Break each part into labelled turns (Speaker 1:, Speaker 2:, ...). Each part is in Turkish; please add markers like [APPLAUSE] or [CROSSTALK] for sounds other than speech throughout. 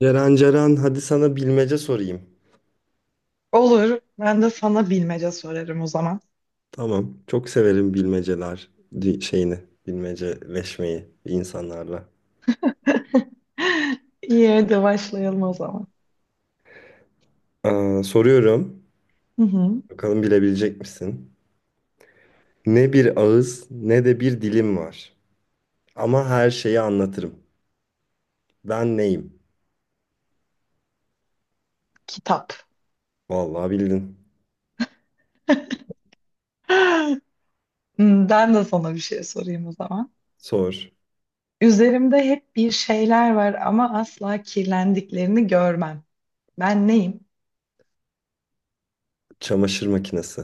Speaker 1: Ceren, hadi sana bilmece sorayım.
Speaker 2: Olur. Ben de sana bilmece sorarım o zaman.
Speaker 1: Tamam. Çok severim bilmeceler şeyini. Bilmeceleşmeyi insanlarla.
Speaker 2: [LAUGHS] İyi, hadi başlayalım o zaman.
Speaker 1: Soruyorum.
Speaker 2: Hı hı.
Speaker 1: Bakalım bilebilecek misin? Ne bir ağız ne de bir dilim var. Ama her şeyi anlatırım. Ben neyim?
Speaker 2: Kitap.
Speaker 1: Vallahi bildin.
Speaker 2: [GASPS] [LAUGHS] Hmm, ben de sana bir şey sorayım o zaman.
Speaker 1: Sor.
Speaker 2: Üzerimde hep bir şeyler var ama asla kirlendiklerini görmem. Ben neyim?
Speaker 1: Çamaşır makinesi.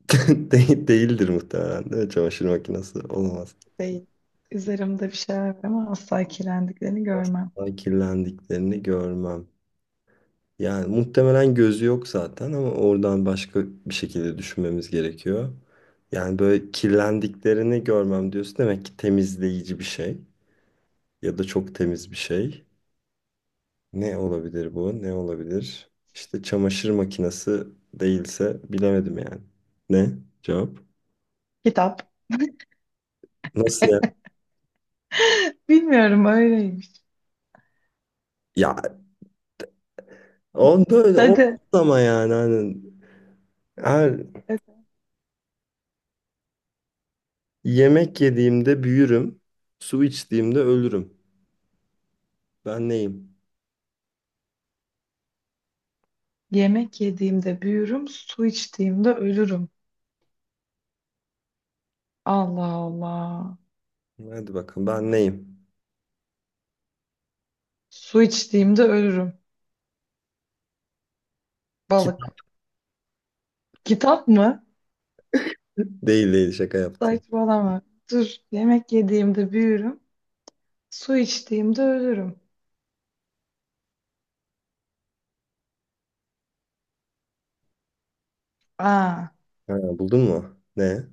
Speaker 1: [LAUGHS] Değildir muhtemelen, değil mi? Çamaşır makinesi. Olamaz.
Speaker 2: Değil. Üzerimde bir şeyler var ama asla kirlendiklerini görmem.
Speaker 1: Asla kirlendiklerini görmem. Yani muhtemelen gözü yok zaten ama oradan başka bir şekilde düşünmemiz gerekiyor. Yani böyle kirlendiklerini görmem diyorsun, demek ki temizleyici bir şey ya da çok temiz bir şey. Ne olabilir bu? Ne olabilir? İşte çamaşır makinesi değilse bilemedim yani. Ne? Cevap?
Speaker 2: Kitap.
Speaker 1: Nasıl ya?
Speaker 2: [LAUGHS] Bilmiyorum, öyleymiş.
Speaker 1: Ya on böyle on
Speaker 2: Hadi.
Speaker 1: ama yani hani her
Speaker 2: Hadi.
Speaker 1: yemek yediğimde büyürüm, su içtiğimde ölürüm. Ben neyim?
Speaker 2: Yemek yediğimde büyürüm, su içtiğimde ölürüm. Allah Allah.
Speaker 1: Hadi bakalım ben neyim?
Speaker 2: Su içtiğimde ölürüm.
Speaker 1: Kitap
Speaker 2: Balık. Kitap mı?
Speaker 1: değil değil, şaka yaptım.
Speaker 2: Saçmalama. Dur. Yemek yediğimde büyürüm. Su içtiğimde ölürüm. Aa,
Speaker 1: Ha, buldun mu? Ne?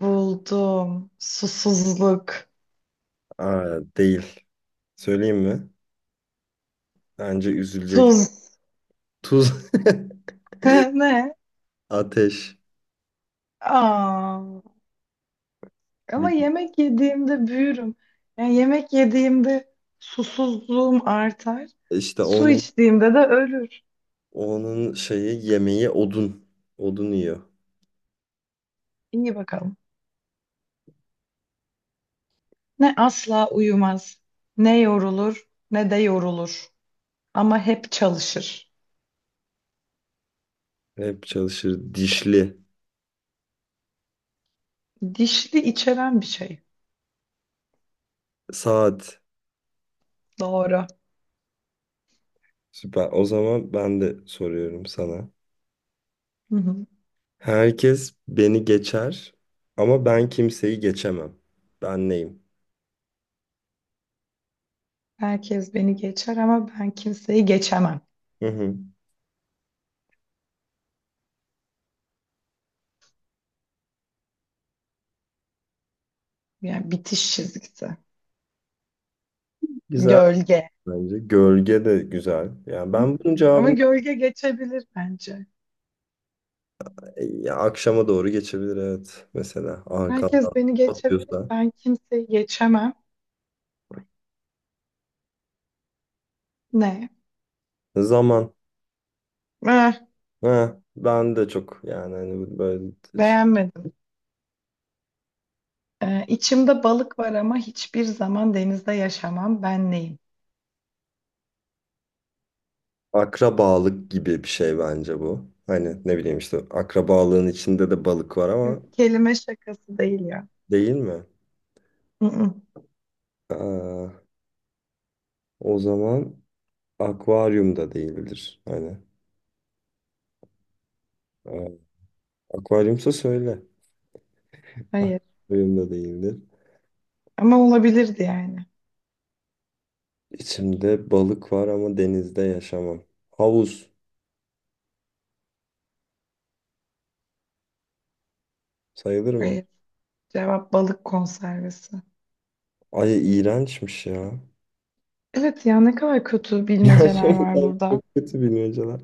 Speaker 2: buldum. Susuzluk.
Speaker 1: Aa, değil. Söyleyeyim mi? Bence üzülecek.
Speaker 2: Tuz.
Speaker 1: Tuz.
Speaker 2: [LAUGHS] Ne?
Speaker 1: [LAUGHS] Ateş.
Speaker 2: Aa, ama
Speaker 1: Bir-
Speaker 2: yemek yediğimde büyürüm. Yani yemek yediğimde susuzluğum artar.
Speaker 1: İşte
Speaker 2: Su
Speaker 1: onun
Speaker 2: içtiğimde de ölür.
Speaker 1: onun şeyi, yemeği odun. Odun yiyor.
Speaker 2: İyi, bakalım. Ne asla uyumaz, ne yorulur, ne de yorulur. Ama hep çalışır.
Speaker 1: Hep çalışır. Dişli.
Speaker 2: Dişli içeren bir şey.
Speaker 1: Saat.
Speaker 2: Doğru.
Speaker 1: Süper. O zaman ben de soruyorum sana.
Speaker 2: Hı hı.
Speaker 1: Herkes beni geçer ama ben kimseyi geçemem. Ben neyim?
Speaker 2: Herkes beni geçer ama ben kimseyi geçemem.
Speaker 1: Hı hı.
Speaker 2: Yani bitiş çizgisi.
Speaker 1: Güzel
Speaker 2: Gölge.
Speaker 1: bence. Gölge de güzel. Yani ben bunun
Speaker 2: Ama
Speaker 1: cevabını
Speaker 2: gölge geçebilir bence.
Speaker 1: ya akşama doğru geçebilir, evet, mesela
Speaker 2: Herkes
Speaker 1: arkandan
Speaker 2: beni geçebilir.
Speaker 1: batıyorsa.
Speaker 2: Ben kimseyi geçemem. Ne?
Speaker 1: Zaman.
Speaker 2: Eh,
Speaker 1: Ha, ben de çok yani hani bu böyle şey-
Speaker 2: beğenmedim. İçimde balık var ama hiçbir zaman denizde yaşamam. Ben neyim?
Speaker 1: akrabalık gibi bir şey bence bu. Hani ne bileyim işte, akrabalığın içinde de balık var
Speaker 2: Yok,
Speaker 1: ama,
Speaker 2: kelime şakası değil ya.
Speaker 1: değil mi?
Speaker 2: Mm-mm,
Speaker 1: Aa, o zaman akvaryum da değildir. Hani aa, akvaryumsa söyle.
Speaker 2: hayır.
Speaker 1: Akvaryum da değildir.
Speaker 2: Ama olabilirdi yani.
Speaker 1: İçimde balık var ama denizde yaşamam. Havuz sayılır mı?
Speaker 2: Hayır. Cevap balık konservesi.
Speaker 1: Ay, iğrençmiş ya.
Speaker 2: Evet ya, ne kadar kötü bilmeceler var
Speaker 1: Gerçekten [LAUGHS]
Speaker 2: burada.
Speaker 1: çok kötü bilmeceler.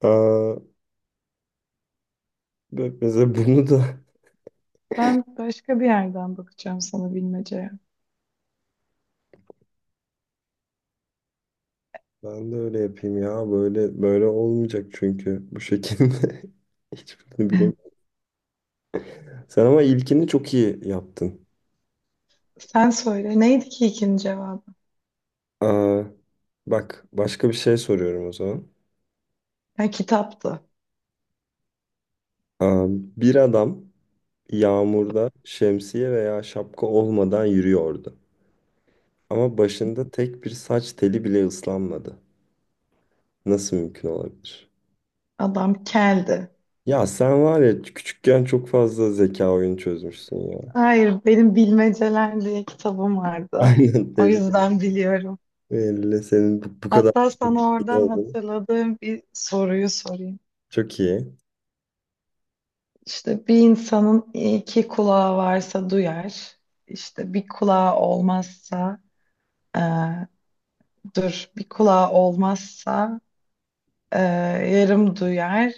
Speaker 1: Aa, mesela bunu da
Speaker 2: Ben başka bir yerden bakacağım sana bilmeceye.
Speaker 1: [LAUGHS] ben de öyle yapayım ya. Böyle böyle olmayacak çünkü bu şekilde [LAUGHS] hiçbirini
Speaker 2: [LAUGHS]
Speaker 1: bilemiyorum. Sen ama ilkini çok iyi yaptın.
Speaker 2: Sen söyle. Neydi ki ikinci cevabı?
Speaker 1: Aa, bak, başka bir şey soruyorum o zaman.
Speaker 2: Ha, kitaptı.
Speaker 1: Aa, bir adam yağmurda şemsiye veya şapka olmadan yürüyordu. Ama başında tek bir saç teli bile ıslanmadı. Nasıl mümkün olabilir?
Speaker 2: Adam keldi.
Speaker 1: Ya sen var ya, küçükken çok fazla zeka oyunu çözmüşsün ya.
Speaker 2: Hayır, benim bilmeceler diye kitabım
Speaker 1: [LAUGHS]
Speaker 2: vardı.
Speaker 1: Aynen,
Speaker 2: O
Speaker 1: tehlikeli.
Speaker 2: yüzden biliyorum.
Speaker 1: Belli senin bu, bu kadar
Speaker 2: Hatta sana
Speaker 1: iyi
Speaker 2: oradan
Speaker 1: olduğunu.
Speaker 2: hatırladığım bir soruyu sorayım.
Speaker 1: Çok iyi.
Speaker 2: İşte bir insanın iki kulağı varsa duyar. İşte bir kulağı olmazsa, eee, dur, bir kulağı olmazsa Ee, yarım duyar.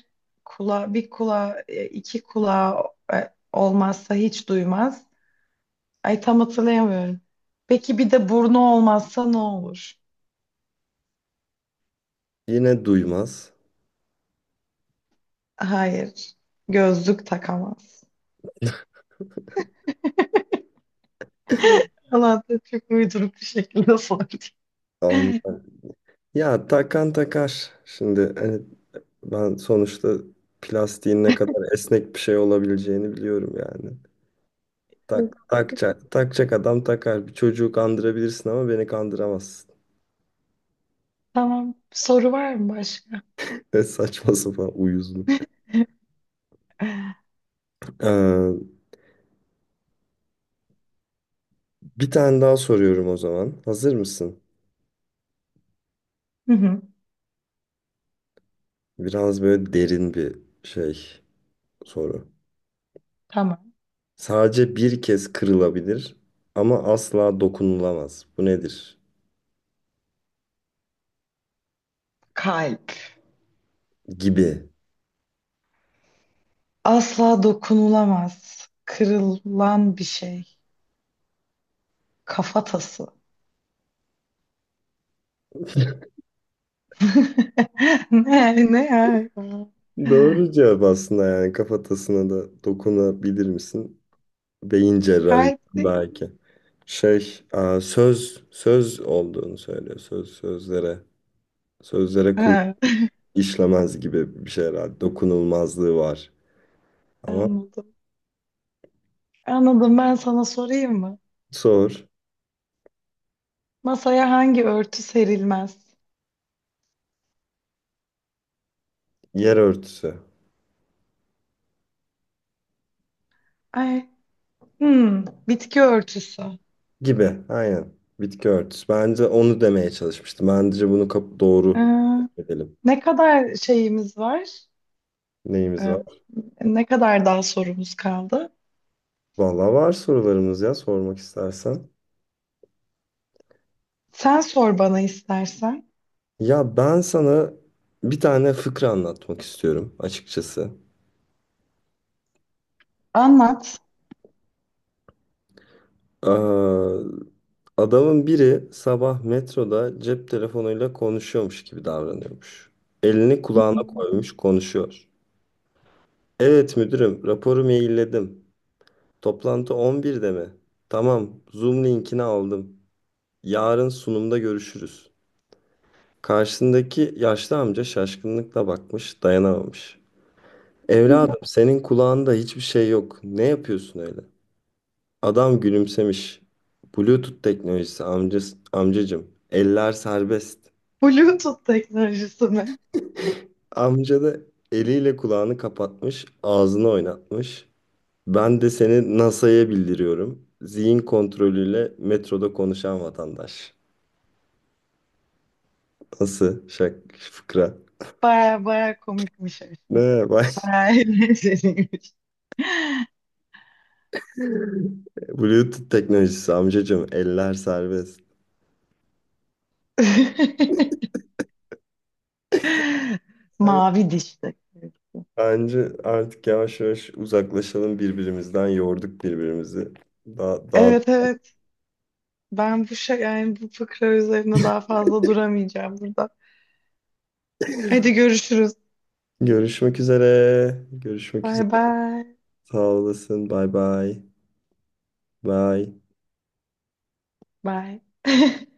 Speaker 2: Kula, bir kulağı, iki kulağı olmazsa hiç duymaz. Ay, tam hatırlayamıyorum. Peki bir de burnu olmazsa ne olur?
Speaker 1: Yine duymaz.
Speaker 2: Hayır. Gözlük takamaz.
Speaker 1: [LAUGHS]
Speaker 2: Allah da çok uyduruk bir şekilde sordu.
Speaker 1: Ondan- Ya takan takar. Şimdi hani ben sonuçta plastiğin ne kadar esnek bir şey olabileceğini biliyorum yani.
Speaker 2: [LAUGHS]
Speaker 1: Takacak, takacak adam takar. Bir çocuğu kandırabilirsin ama beni kandıramazsın.
Speaker 2: Tamam. Soru var mı başka?
Speaker 1: [LAUGHS] Ne saçma sapan uyuzluk.
Speaker 2: [LAUGHS]
Speaker 1: Ee, Bir tane daha soruyorum o zaman. Hazır mısın?
Speaker 2: Hı hı.
Speaker 1: Biraz böyle derin bir şey soru.
Speaker 2: Tamam.
Speaker 1: Sadece bir kez kırılabilir ama asla dokunulamaz. Bu nedir?
Speaker 2: Kalp.
Speaker 1: Gibi.
Speaker 2: Asla dokunulamaz. Kırılan bir şey. Kafatası. [LAUGHS] Ne ne ya?
Speaker 1: Doğru cevap aslında, yani kafatasına da dokunabilir misin? Beyin cerrahı
Speaker 2: Kalpti.
Speaker 1: belki. Söz olduğunu söylüyor. Söz sözlere
Speaker 2: Ha,
Speaker 1: işlemez gibi bir şey herhalde. Dokunulmazlığı var. Ama
Speaker 2: anladım. Anladım. Ben sana sorayım mı?
Speaker 1: sor.
Speaker 2: Masaya hangi örtü serilmez?
Speaker 1: Yer örtüsü
Speaker 2: Ay, hmm, bitki örtüsü.
Speaker 1: gibi. Aynen. Bitki örtüsü. Bence onu demeye çalışmıştım. Bence bunu doğru
Speaker 2: Ee,
Speaker 1: edelim.
Speaker 2: Ne kadar şeyimiz var?
Speaker 1: Neyimiz
Speaker 2: Ee,
Speaker 1: var?
Speaker 2: Ne kadar daha sorumuz kaldı?
Speaker 1: Vallahi var sorularımız ya, sormak istersen.
Speaker 2: Sen sor bana istersen.
Speaker 1: Ya ben sana bir tane fıkra anlatmak istiyorum açıkçası.
Speaker 2: Anlat.
Speaker 1: Ee, Adamın biri sabah metroda cep telefonuyla konuşuyormuş gibi davranıyormuş. Elini kulağına
Speaker 2: [LAUGHS]
Speaker 1: koymuş konuşuyor. Evet müdürüm, raporu mailledim. Toplantı 11'de mi? Tamam, Zoom linkini aldım. Yarın sunumda görüşürüz. Karşısındaki yaşlı amca şaşkınlıkla bakmış, dayanamamış. Evladım, senin kulağında hiçbir şey yok. Ne yapıyorsun öyle? Adam gülümsemiş. Bluetooth teknolojisi amcası, amcacım. Eller serbest.
Speaker 2: Bluetooth teknolojisi mi?
Speaker 1: Amca da eliyle kulağını kapatmış, ağzını oynatmış. Ben de seni NASA'ya bildiriyorum. Zihin kontrolüyle metroda konuşan vatandaş. Nasıl? Şak, fıkra.
Speaker 2: Baya baya komikmiş.
Speaker 1: Ne bak. [LAUGHS]
Speaker 2: Baya eğlenceliymiş. [LAUGHS]
Speaker 1: Bluetooth teknolojisi amcacım. Eller serbest.
Speaker 2: [LAUGHS] Mavi dişli.
Speaker 1: Bence artık yavaş yavaş uzaklaşalım birbirimizden. Yorduk birbirimizi. Daha, daha...
Speaker 2: Evet evet. Ben bu şey yani bu fıkra üzerine daha fazla duramayacağım burada. Hadi görüşürüz.
Speaker 1: Görüşmek üzere. Görüşmek
Speaker 2: Bay
Speaker 1: üzere.
Speaker 2: bay.
Speaker 1: Sağ olasın. Bay bay. Bay.
Speaker 2: Bay. [LAUGHS]